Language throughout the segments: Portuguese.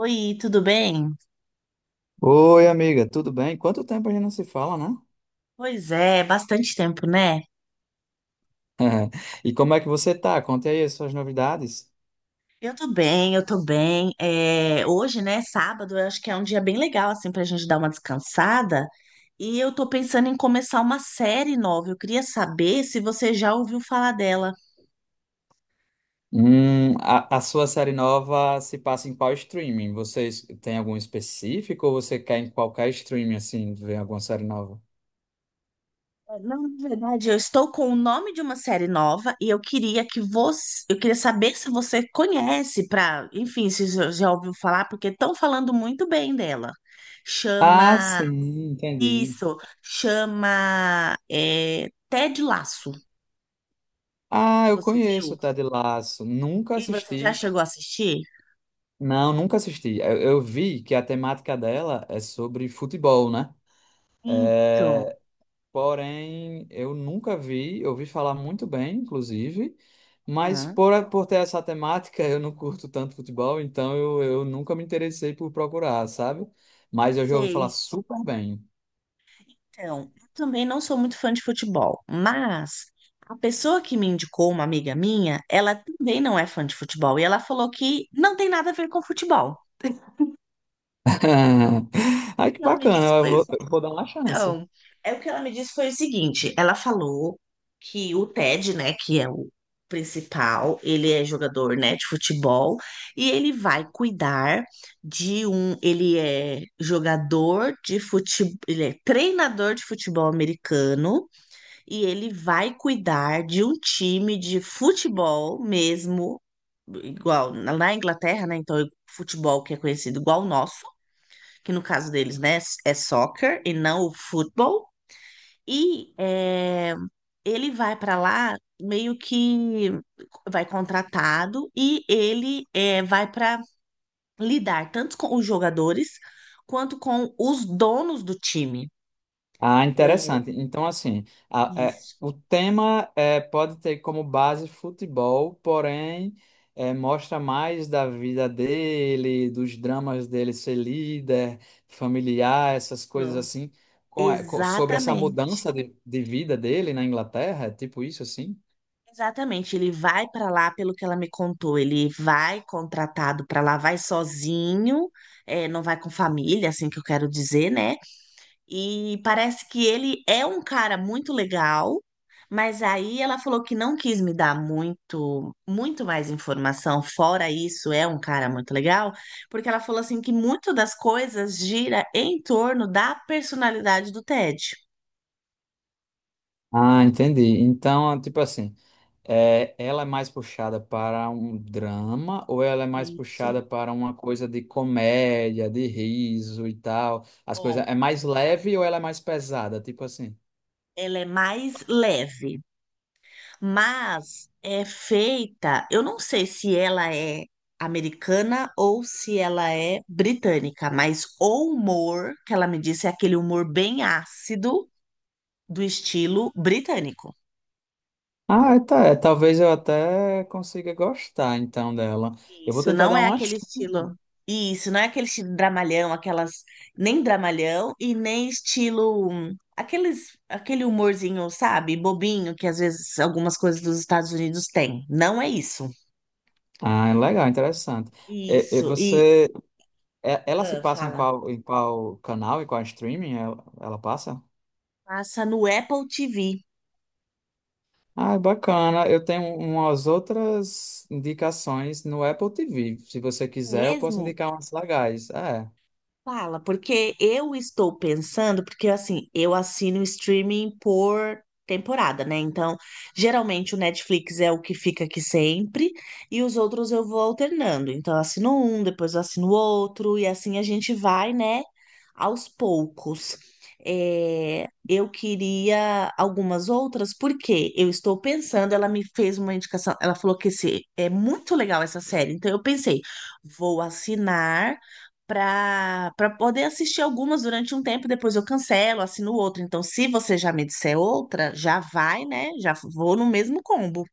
Oi, tudo bem? Oi, amiga, tudo bem? Quanto tempo a gente não se fala, né? Pois é, bastante tempo, né? E como é que você tá? Conte aí as suas novidades. Eu tô bem. Hoje, né, sábado, eu acho que é um dia bem legal, assim, pra gente dar uma descansada. E eu tô pensando em começar uma série nova. Eu queria saber se você já ouviu falar dela. A sua série nova se passa em qual streaming? Vocês têm algum específico ou você quer em qualquer streaming, assim, ver alguma série nova? Não. Na verdade, eu estou com o nome de uma série nova e eu queria saber se você conhece, para enfim, se já ouviu falar, porque estão falando muito bem dela. Ah, Chama… sim, entendi. Isso, chama Ted Laço. Ah, eu Você conheço viu? o Ted Lasso. Nunca E você já assisti. chegou a assistir? Não, nunca assisti. Eu vi que a temática dela é sobre futebol, né? Isso. Porém, eu nunca vi, eu ouvi falar muito bem, inclusive, mas Hum, por ter essa temática, eu não curto tanto futebol, então eu nunca me interessei por procurar, sabe? Mas eu já ouvi falar sei. super bem. Então, eu também não sou muito fã de futebol, mas a pessoa que me indicou, uma amiga minha, ela também não é fã de futebol e ela falou que não tem nada a ver com futebol. Ai, que E Ela me bacana, disse, foi eu vou dar uma chance. Então, é o que ela me disse foi o seguinte: ela falou que o Ted, né, que é o principal, ele é jogador, né, de futebol e ele vai cuidar de um, ele é jogador de futebol, ele é treinador de futebol americano e ele vai cuidar de um time de futebol mesmo, igual na Inglaterra, né? Então, futebol que é conhecido igual o nosso, que no caso deles, né, é soccer e não o futebol. e é, Ele vai para lá meio que vai contratado, e vai para lidar tanto com os jogadores quanto com os donos do time. Ah, É interessante. Então, assim, isso. o tema é, pode ter como base futebol, porém mostra mais da vida dele, dos dramas dele ser líder, familiar, essas coisas assim, sobre essa Exatamente. mudança de vida dele na Inglaterra, é tipo isso assim? Exatamente. Ele vai para lá, pelo que ela me contou, ele vai contratado para lá, vai sozinho, não vai com família, assim que eu quero dizer, né? E parece que ele é um cara muito legal, mas aí ela falou que não quis me dar muito mais informação. Fora isso, é um cara muito legal, porque ela falou assim que muito das coisas gira em torno da personalidade do Ted. Ah, entendi. Então, tipo assim. É, ela é mais puxada para um drama ou ela é mais Isso. puxada para uma coisa de comédia, de riso e tal? As coisas Ó, é mais leve ou ela é mais pesada, tipo assim? ela é mais leve. Mas é feita, eu não sei se ela é americana ou se ela é britânica, mas o humor que ela me disse é aquele humor bem ácido, do estilo britânico. Ah, é, tá, é, talvez eu até consiga gostar então dela. Eu vou Isso tentar não dar é uma. Aquele estilo. Isso não é aquele estilo dramalhão, aquelas nem dramalhão e nem estilo aqueles aquele humorzinho, sabe, bobinho que às vezes algumas coisas dos Estados Unidos têm. Não é isso. Ah, é legal, interessante. E Isso. E você, ela se ah, passa fala. Em qual canal e qual streaming ela passa? Passa no Apple TV Ah, bacana. Eu tenho umas outras indicações no Apple TV. Se você quiser, eu posso mesmo? indicar umas legais. É. Fala, porque eu estou pensando, porque assim, eu assino streaming por temporada, né? Então, geralmente o Netflix é o que fica aqui sempre, e os outros eu vou alternando. Então, eu assino um, depois eu assino outro e assim a gente vai, né, aos poucos. Eu queria algumas outras, porque eu estou pensando, ela me fez uma indicação, ela falou que é muito legal essa série, então eu pensei, vou assinar para poder assistir algumas durante um tempo, depois eu cancelo, assino outra. Então, se você já me disser outra, já vai, né? Já vou no mesmo combo.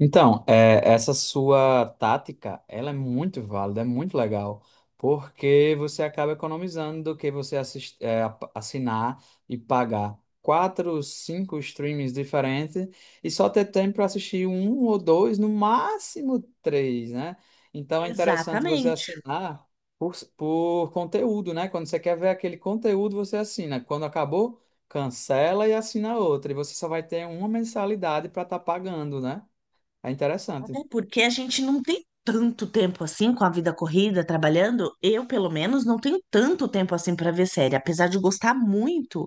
Então, é, essa sua tática, ela é muito válida, é muito legal, porque você acaba economizando do que você assinar e pagar quatro, cinco streams diferentes e só ter tempo para assistir um ou dois, no máximo três, né? Então é interessante você Exatamente. assinar por conteúdo, né? Quando você quer ver aquele conteúdo, você assina. Quando acabou, cancela e assina outra. E você só vai ter uma mensalidade para estar pagando, né? É interessante. Até porque a gente não tem tanto tempo assim com a vida corrida, trabalhando. Eu, pelo menos, não tenho tanto tempo assim para ver série. Apesar de gostar muito,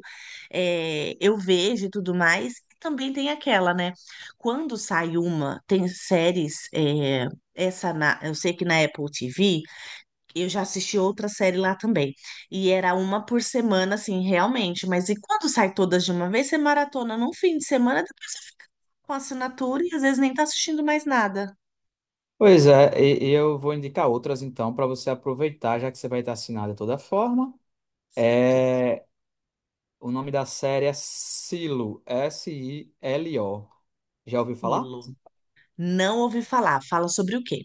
eu vejo e tudo mais. Também tem aquela, né? Quando sai uma, tem séries, eu sei que na Apple TV eu já assisti outra série lá também. E era uma por semana, assim, realmente. Mas e quando sai todas de uma vez, você maratona num fim de semana, depois com assinatura e às vezes nem tá assistindo mais nada. Pois é, e eu vou indicar outras então para você aproveitar, já que você vai estar assinado de toda forma. Certo. É, o nome da série é Silo, SILO. Já ouviu falar? Filo. Não ouvi falar. Fala sobre o quê?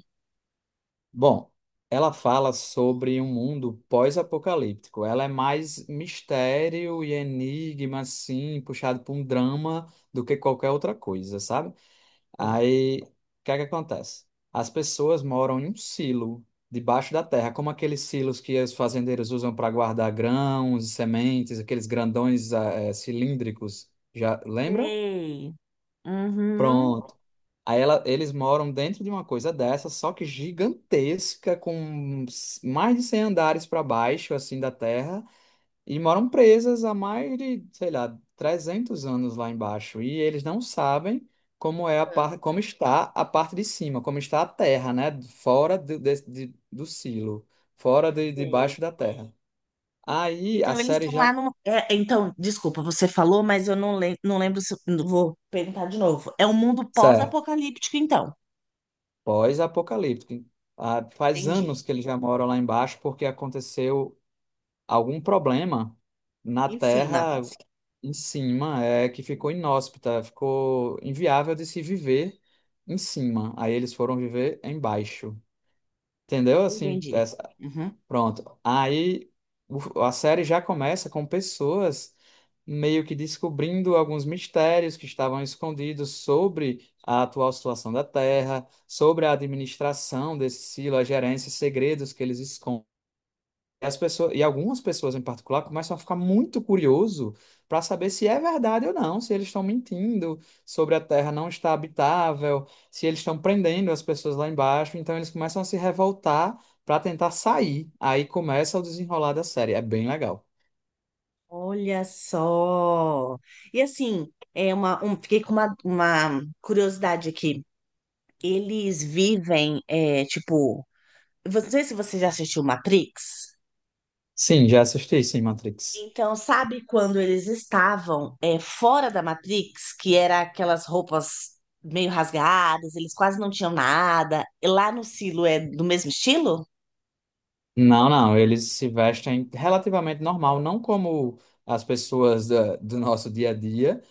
Bom, ela fala sobre um mundo pós-apocalíptico. Ela é mais mistério e enigma, assim, puxado para um drama do que qualquer outra coisa, sabe? Sei. Aí, o que é que acontece? As pessoas moram em um silo debaixo da terra, como aqueles silos que os fazendeiros usam para guardar grãos e sementes, aqueles grandões cilíndricos. Já lembra? Sei. Uhum. Pronto. Eles moram dentro de uma coisa dessa, só que gigantesca, mais de 100 andares para baixo, assim, da terra. E moram presas há mais de, sei lá, 300 anos lá embaixo. E eles não sabem como é a parte, como está a parte de cima, como está a terra, né? Fora do silo, fora de, Sei. debaixo da terra. Aí a Então eles série estão lá já. no… desculpa, você falou, mas eu não lembro se. Vou perguntar de novo. É um mundo Certo. pós-apocalíptico, então. Pós-apocalíptico. Ah, faz Entendi. anos que eles já moram lá embaixo porque aconteceu algum problema na Em cima. terra em cima, é que ficou inóspita, ficou inviável de se viver em cima. Aí eles foram viver embaixo. Entendeu? Entendi. Uhum. Pronto. Aí a série já começa com pessoas meio que descobrindo alguns mistérios que estavam escondidos sobre a atual situação da Terra, sobre a administração desse silo, a gerência, segredos que eles escondem. E as pessoas, e algumas pessoas em particular começam a ficar muito curioso para saber se é verdade ou não, se eles estão mentindo sobre a Terra não estar habitável, se eles estão prendendo as pessoas lá embaixo. Então eles começam a se revoltar para tentar sair. Aí começa o desenrolar da série. É bem legal. Olha só. E assim, fiquei com uma curiosidade aqui. Eles vivem, é, tipo, não sei se você já assistiu Matrix. Sim, já assisti, sim, Matrix. Então, sabe quando eles estavam, é, fora da Matrix, que era aquelas roupas meio rasgadas, eles quase não tinham nada. E lá no Silo é do mesmo estilo? Não, não, eles se vestem relativamente normal, não como as pessoas do nosso dia a dia.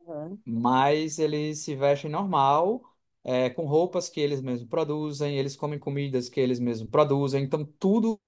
Uhum. Mas eles se vestem normal, é, com roupas que eles mesmos produzem, eles comem comidas que eles mesmos produzem, então tudo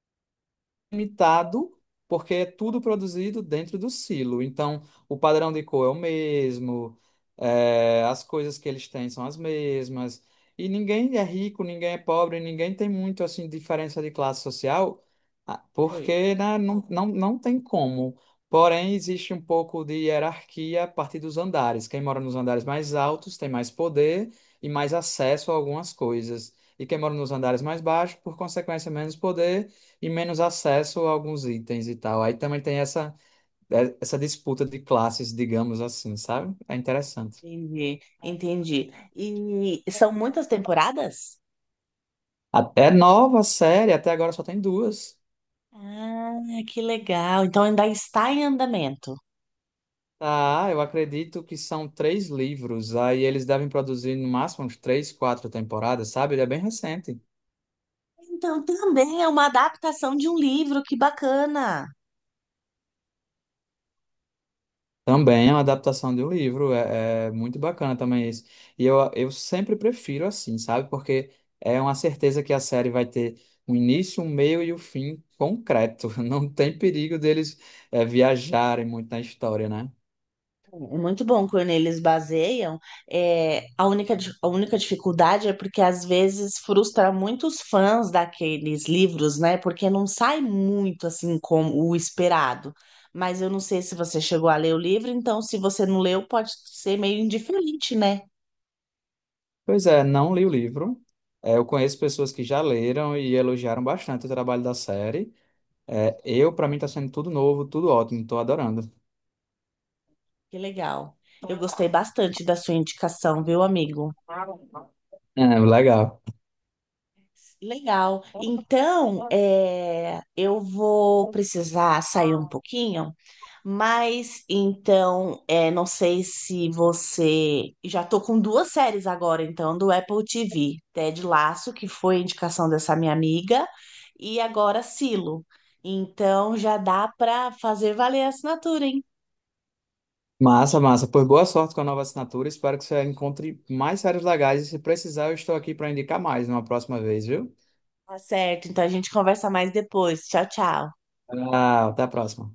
limitado, porque é tudo produzido dentro do silo. Então, o padrão de cor é o mesmo, é, as coisas que eles têm são as mesmas. E ninguém é rico, ninguém é pobre, ninguém tem muito assim diferença de classe social, ah, Sei. porque né, não tem como. Porém, existe um pouco de hierarquia a partir dos andares. Quem mora nos andares mais altos tem mais poder e mais acesso a algumas coisas. E quem mora nos andares mais baixos, por consequência, menos poder e menos acesso a alguns itens e tal. Aí também tem essa disputa de classes, digamos assim, sabe? É interessante. Entendi, entendi. E são muitas temporadas? Até nova série, até agora só tem duas. Ah, que legal. Então ainda está em andamento. Tá, ah, eu acredito que são três livros. Aí eles devem produzir no máximo uns três, quatro temporadas, sabe? Ele é bem recente. Então também é uma adaptação de um livro, que bacana. Também é uma adaptação de um livro, é, é muito bacana também isso. E eu sempre prefiro assim, sabe? Porque é uma certeza que a série vai ter um início, um meio e o fim concreto. Não tem perigo deles viajarem muito na história, né? É muito bom quando eles baseiam. A única dificuldade é porque às vezes frustra muitos fãs daqueles livros, né? Porque não sai muito assim como o esperado. Mas eu não sei se você chegou a ler o livro, então se você não leu, pode ser meio indiferente, né? Pois é, não li o livro. É, eu conheço pessoas que já leram e elogiaram bastante o trabalho da série. É, eu, para mim, está sendo tudo novo, tudo ótimo, estou adorando. Que legal. Eu gostei bastante da sua indicação, viu, amigo? É, legal. Legal. Então, eu vou precisar sair um pouquinho, mas então, não sei se você… Já tô com duas séries agora, então, do Apple TV: Ted Lasso, que foi indicação dessa minha amiga, e agora Silo. Então, já dá para fazer valer a assinatura, hein? Massa, massa. Pois boa sorte com a nova assinatura. Espero que você encontre mais séries legais. E se precisar, eu estou aqui para indicar mais numa próxima vez, viu? Tá certo. Então, a gente conversa mais depois. Tchau, tchau. Ah, até a próxima.